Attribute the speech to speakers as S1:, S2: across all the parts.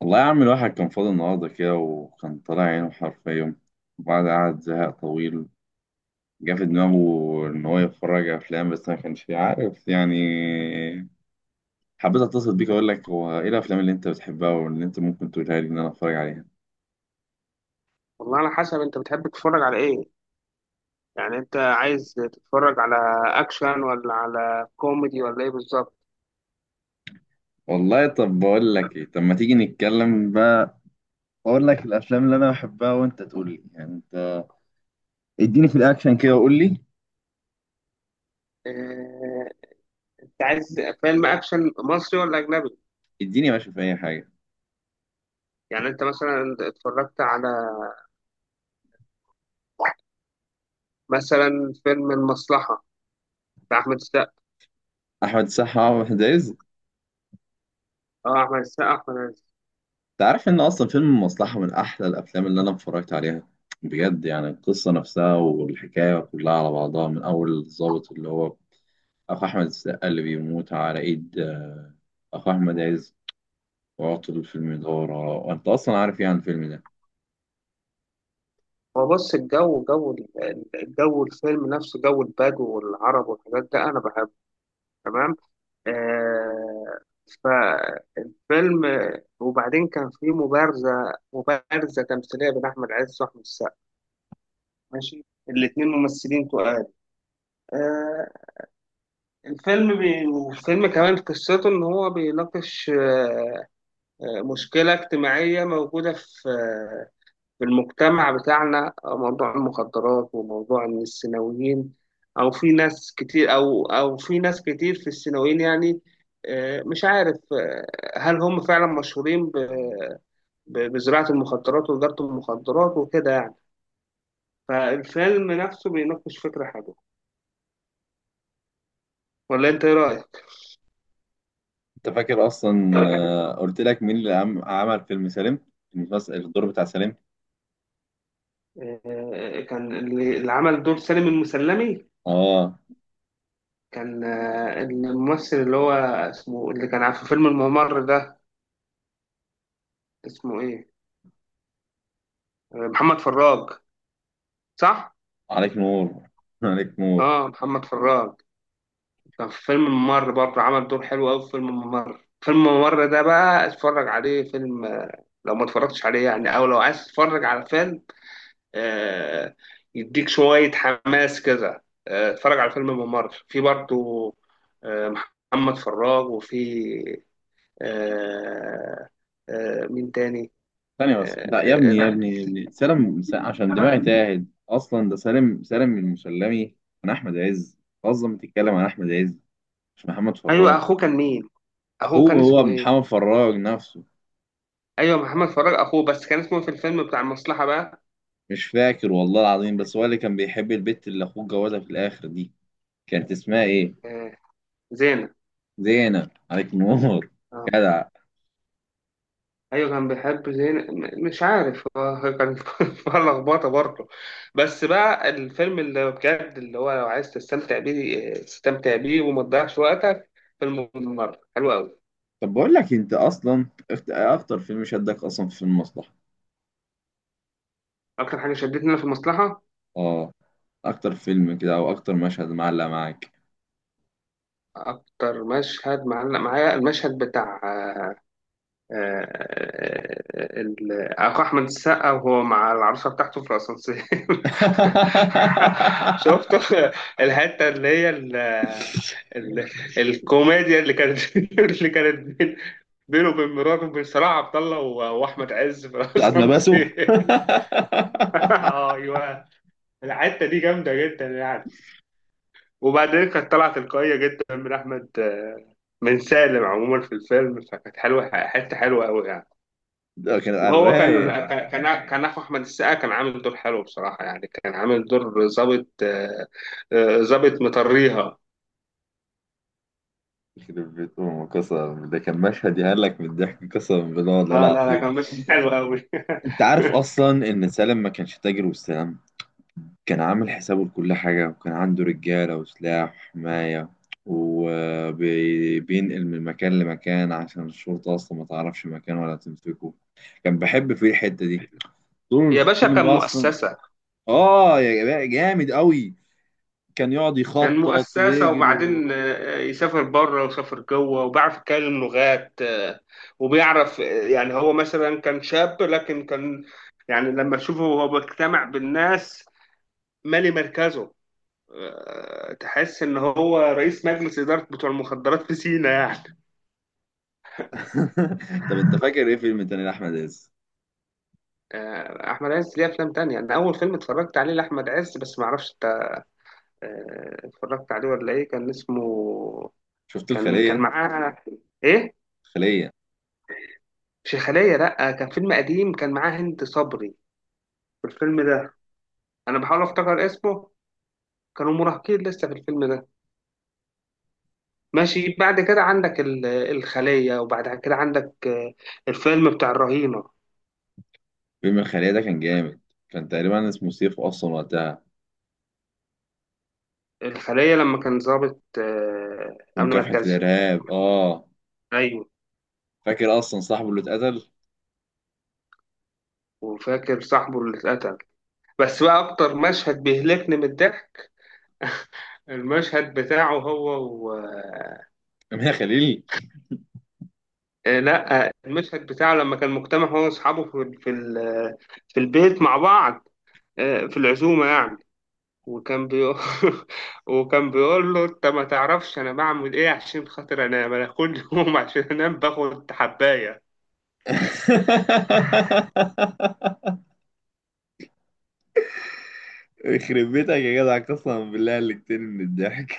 S1: والله يا عم الواحد كان فاضي النهاردة كده، وكان طالع عينه حرفيا. وبعد قعد زهق طويل جه في دماغه إن هو يتفرج على أفلام، بس ما كانش عارف يعني. حبيت أتصل بيك أقول لك هو إيه الأفلام اللي أنت بتحبها واللي أنت ممكن تقولها لي إن أنا أتفرج عليها.
S2: والله على حسب انت بتحب تتفرج على ايه. انت عايز تتفرج على اكشن ولا على كوميدي ولا ايه بالظبط؟
S1: والله طب بقول لك إيه، طب ما تيجي نتكلم بقى، أقول لك الأفلام اللي أنا بحبها وأنت تقول لي يعني أنت. اديني في الأكشن كده وقول لي.
S2: اه... انت عايز فيلم اكشن مصري ولا اجنبي؟
S1: اديني يا باشا في أي حاجة.
S2: يعني انت مثلا اتفرجت على مثلا فيلم المصلحة بتاع احمد السقا.
S1: أحمد السقا وأحمد عز.
S2: احمد السقا.
S1: تعرف ان اصلا فيلم المصلحة من احلى الافلام اللي انا اتفرجت عليها بجد، يعني القصة نفسها والحكاية كلها على بعضها من اول الضابط اللي هو اخو احمد السقا اللي بيموت على ايد اخو احمد عز وعطل في المدارة، وانت اصلا عارف يعني الفيلم ده.
S2: هو بص، الجو الفيلم نفسه، جو البدو والعرب والحاجات ده انا بحبه، تمام. آه فيلم، وبعدين كان في مبارزة تمثيلية بين أحمد عز وأحمد السقا، ماشي. الاتنين ممثلين تقال. آه الفيلم بي... الفيلم كمان قصته إن هو بيناقش مشكلة اجتماعية موجودة في في المجتمع بتاعنا، موضوع المخدرات، وموضوع إن الثانويين أو في ناس كتير في الثانويين، يعني مش عارف آه، هل هم فعلا مشهورين بزراعة المخدرات وتجارة المخدرات وكده يعني. فالفيلم نفسه بيناقش فكرة حلوة، ولا أنت إيه رأيك؟
S1: انت فاكر اصلا قلت لك مين اللي عمل فيلم سالم، المسلسل الدور بتاع سالم؟
S2: كان اللي عمل دور سالم المسلمي
S1: اه،
S2: كان الممثل اللي هو اسمه، اللي كان في فيلم الممر ده، اسمه إيه؟ محمد فراج، صح؟
S1: عليك نور عليك نور.
S2: محمد فراج كان في فيلم الممر برضه، عمل دور حلو أوي في فيلم الممر. فيلم الممر ده بقى اتفرج عليه، فيلم لو ما اتفرجتش عليه يعني، أو لو عايز تتفرج على فيلم آه، يديك شوية حماس كده، اتفرج على الفيلم بممر في برضه. آه، محمد فراج، وفي آه، مين تاني.
S1: ثانية بس، لا يا
S2: آه،
S1: ابني يا
S2: ال-
S1: ابني يا ابني، سالم عشان دماغي تاهت، اصلا ده سالم، سالم المسلمي من احمد عز، اصلا بتتكلم عن احمد عز مش محمد
S2: ايوه،
S1: فراج.
S2: اخوه كان مين؟ اخوه
S1: اخوه
S2: كان
S1: هو
S2: اسمه ايه؟
S1: محمد فراج نفسه.
S2: ايوه، محمد فراج اخوه، بس كان اسمه في الفيلم بتاع المصلحة بقى
S1: مش فاكر والله العظيم، بس هو اللي كان بيحب البت اللي اخوه جوازها في الاخر دي، كانت اسمها ايه؟
S2: آه، زينة.
S1: زينب، عليك نور
S2: آه.
S1: جدع.
S2: ايوه كان بيحب زين. مش عارف هو كان فيها لخبطه برضه. بس بقى الفيلم اللي بجد، اللي هو لو عايز تستمتع بيه تستمتع بيه وما تضيعش وقتك، فيلم الممر حلو قوي.
S1: طب بقول لك انت اصلا اكتر فيلم شدك اصلا في المصلحة؟
S2: اكتر حاجه شدتني انا في المصلحه،
S1: اه، اكتر فيلم كده او اكتر مشهد معلق معاك؟
S2: اكتر مشهد معلق معايا، المشهد بتاع اخو احمد السقا وهو مع العروسه بتاعته في الاسانسير. شفت الحته اللي هي ال ال الكوميديا اللي كانت اللي كانت بينه وبين مراته وبين صلاح عبد الله واحمد عز في
S1: ساعة ما بسوا
S2: الاسانسير. ايوه، الحته دي جامده جدا يعني. وبعدين كانت طالعه تلقائيه جدا من احمد آه، من سالم عموما في الفيلم، فكانت حلوه، حته حلوه قوي يعني.
S1: ده كان على
S2: وهو كان
S1: الرايق.
S2: كان كان اخو احمد السقا كان عامل دور حلو بصراحه، يعني كان عامل دور ظابط آه، آه، ظابط مطريها.
S1: يخرب بيت أمه قسما، ده كان مشهد يهلك من الضحك قسما بالله والله
S2: اه لا لا،
S1: العظيم.
S2: كان ماشي حلو قوي.
S1: أنت عارف أصلا إن سالم ما كانش تاجر والسلام، كان عامل حسابه لكل حاجة، وكان عنده رجالة وسلاح وحماية، وبينقل من مكان لمكان عشان الشرطة أصلا ما تعرفش مكان ولا تمسكه. كان بحب فيه الحتة دي طول
S2: يا باشا، كان
S1: الفيلم أصلا.
S2: مؤسسه.
S1: آه يا جماعة جامد أوي، كان يقعد
S2: كان
S1: يخطط
S2: مؤسسه،
S1: ويجري.
S2: وبعدين يسافر بره وسافر جوه، وبيعرف يتكلم لغات، آه، وبيعرف آه، يعني هو مثلا كان شاب لكن كان، يعني لما تشوفه وهو بيجتمع بالناس، مالي مركزه، تحس ان هو رئيس مجلس اداره بتوع المخدرات في سينا يعني.
S1: طب انت فاكر ايه فيلم تاني لاحمد عز؟
S2: احمد عز ليه افلام تانية. انا اول فيلم اتفرجت عليه لاحمد عز، بس ما اعرفش انت اتفرجت عليه ولا ايه، كان اسمه
S1: شفت
S2: كان كان
S1: الخليه؟
S2: معاه ايه؟
S1: الخليه.
S2: شيخاليه، لا كان فيلم قديم كان معاه هند صبري في الفيلم ده، انا بحاول افتكر اسمه. كانوا مراهقين لسه في الفيلم ده. ماشي، بعد كده عندك الخليه، وبعد كده عندك الفيلم بتاع الرهينه.
S1: فيلم الخليه ده كان جامد، كان تقريبا اسمه سيف اصلا وقتها،
S2: الخلية لما كان ضابط أمن
S1: ومكافحه
S2: مركزي.
S1: الارهاب، اه.
S2: أيوه.
S1: فاكر اصلا صاحبه اللي اتقتل؟
S2: وفاكر صاحبه اللي اتقتل. بس بقى أكتر مشهد بيهلكني من الضحك، المشهد بتاعه هو و...
S1: امير خليل.
S2: آه، لا آه، المشهد بتاعه لما كان مجتمع هو وأصحابه في في البيت مع بعض، في العزومة يعني. وكان بيقول وكان بيقول له: أنت ما تعرفش أنا بعمل إيه عشان خاطر أنام؟ أنا كل يوم عشان أنام باخد حباية.
S1: يخرب بيتك يا جدع قسما بالله اللي كتير من الضحك.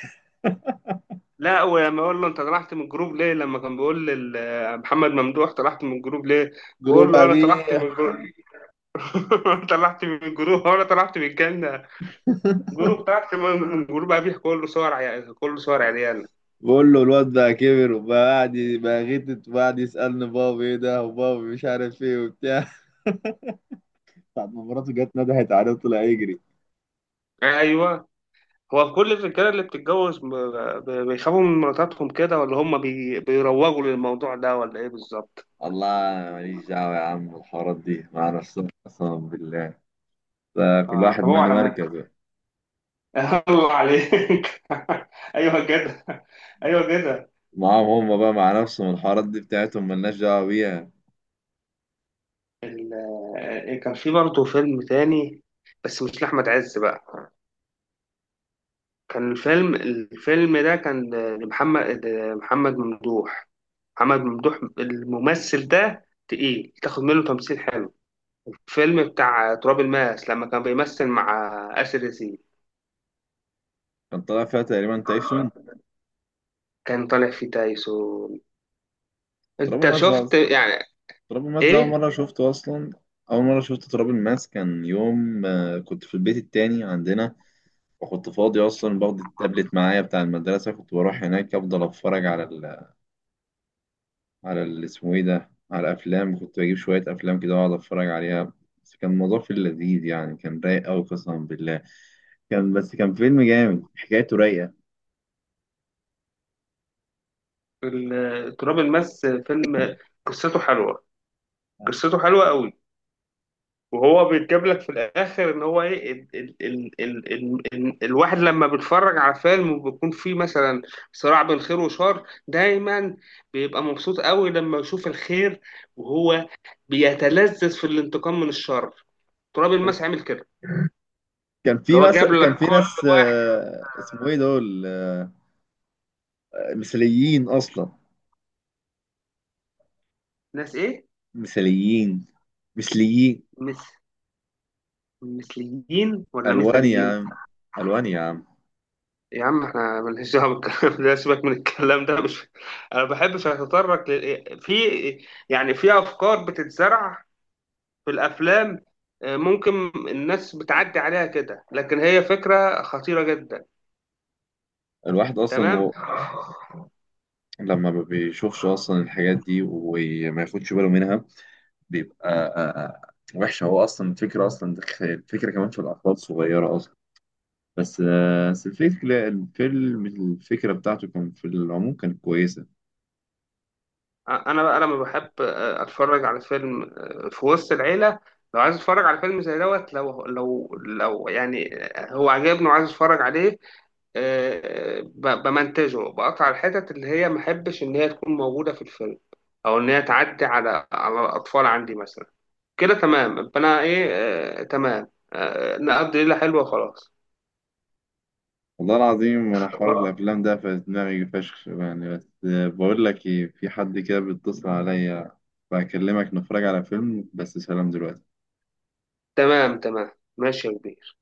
S2: لا، ولما اقول له انت طلعت من الجروب ليه، لما كان بيقول لي محمد ممدوح طلعت من الجروب ليه، بقول
S1: جروب
S2: له انا طلعت
S1: ابيه.
S2: من الجروب. انا طلعت من الجروب، انا طلعت من الجنه. جروب طلعت من جروب ابيح كله صور عيال كله صور عريان.
S1: بقول له الواد بقى كبر وبقى بقى غتت وقاعد يسالني بابا ايه ده، وبابا مش عارف ايه وبتاع. ساعة ما مراته جت ندهت عليه وطلع يجري.
S2: ايوه، هو كل الرجاله اللي بتتجوز بيخافوا من مراتاتهم كده، ولا هم بيروجوا للموضوع ده، ولا ايه بالظبط؟
S1: الله، أنا ماليش دعوة يا عم، الحوارات دي مع نفسهم قسما بالله، ده كل
S2: اه،
S1: واحد
S2: طب هو
S1: مالي
S2: على مالك،
S1: مركزه.
S2: الله عليك. ايوه كده، ايوه كده.
S1: معاهم هم بقى مع نفسهم، الحوارات دي بتاعتهم مالناش دعوة بيها.
S2: ال- كان في برضه فيلم تاني، بس مش لأحمد عز بقى، كان الفيلم ده كان محمد ممدوح. محمد ممدوح الممثل ده تقيل، تاخد منه تمثيل حلو. الفيلم بتاع تراب الماس لما كان بيمثل مع آسر ياسين،
S1: كان طالع فيها تقريبا تايسون.
S2: كان طالع فيه تايسون.
S1: تراب
S2: انت
S1: الماس ده
S2: شفت
S1: أصلا،
S2: يعني.
S1: تراب الماس ده أول
S2: ايه
S1: مرة شفته أصلا، أول مرة شفت تراب الماس كان يوم كنت في البيت التاني عندنا، وكنت فاضي أصلا، باخد التابلت معايا بتاع المدرسة، كنت بروح هناك أفضل أتفرج على، على اسمه ايه ده، على افلام، كنت بجيب شويه افلام كده واقعد اتفرج عليها. بس كان الموضوع في اللذيذ يعني، كان رايق قوي قسما بالله، كان، بس كان فيلم جامد حكايته رايقه.
S2: تراب الماس، فيلم قصته حلوة، قصته حلوة قوي. وهو بيتجاب لك في الاخر ان هو ايه، ال ال ال ال ال ال الواحد لما بيتفرج على فيلم وبيكون فيه مثلا صراع بين خير وشر دايما، بيبقى مبسوط قوي لما يشوف الخير، وهو بيتلذذ في الانتقام من الشر. تراب الماس عامل كده،
S1: كان
S2: اللي
S1: في
S2: هو
S1: مثلا
S2: جاب لك
S1: كان في
S2: كل
S1: ناس
S2: واحد.
S1: اسمه ايه دول، مثاليين اصلا،
S2: ناس ايه؟
S1: مثاليين، مثليين.
S2: مس، مثليين ولا
S1: الوان يا
S2: مثليين؟
S1: عم، الوان يا عم.
S2: يا عم احنا مالناش دعوه بالكلام ده، سيبك من الكلام ده. مش انا بحبش اتطرق في، يعني في افكار بتتزرع في الافلام، ممكن الناس بتعدي عليها كده، لكن هي فكره خطيره جدا.
S1: الواحد اصلا
S2: تمام.
S1: و... لما ما بيشوفش اصلا الحاجات دي وما ياخدش باله منها، بيبقى وحش. هو اصلا الفكره اصلا الفكره كمان في الاطفال الصغيره اصلا. بس الفكره الفيلم الفكره بتاعته كان في العموم كانت كويسه.
S2: انا بقى لما بحب اتفرج على فيلم في وسط العيله، لو عايز اتفرج على فيلم زي دوت، لو يعني هو عجبني وعايز اتفرج عليه، بمنتجه، بقطع الحتت اللي هي ما احبش ان هي تكون موجوده في الفيلم، او ان هي تعدي على على الاطفال عندي مثلا، كده تمام، يبقى انا ايه تمام. نقضي ليله حلوه، خلاص.
S1: والله العظيم انا حوار
S2: آه،
S1: الافلام ده في دماغي فشخ يعني، بس بقول لك ايه، في حد كده بيتصل عليا، بكلمك نتفرج على فيلم، بس سلام دلوقتي.
S2: تمام تمام، ماشي يا كبير.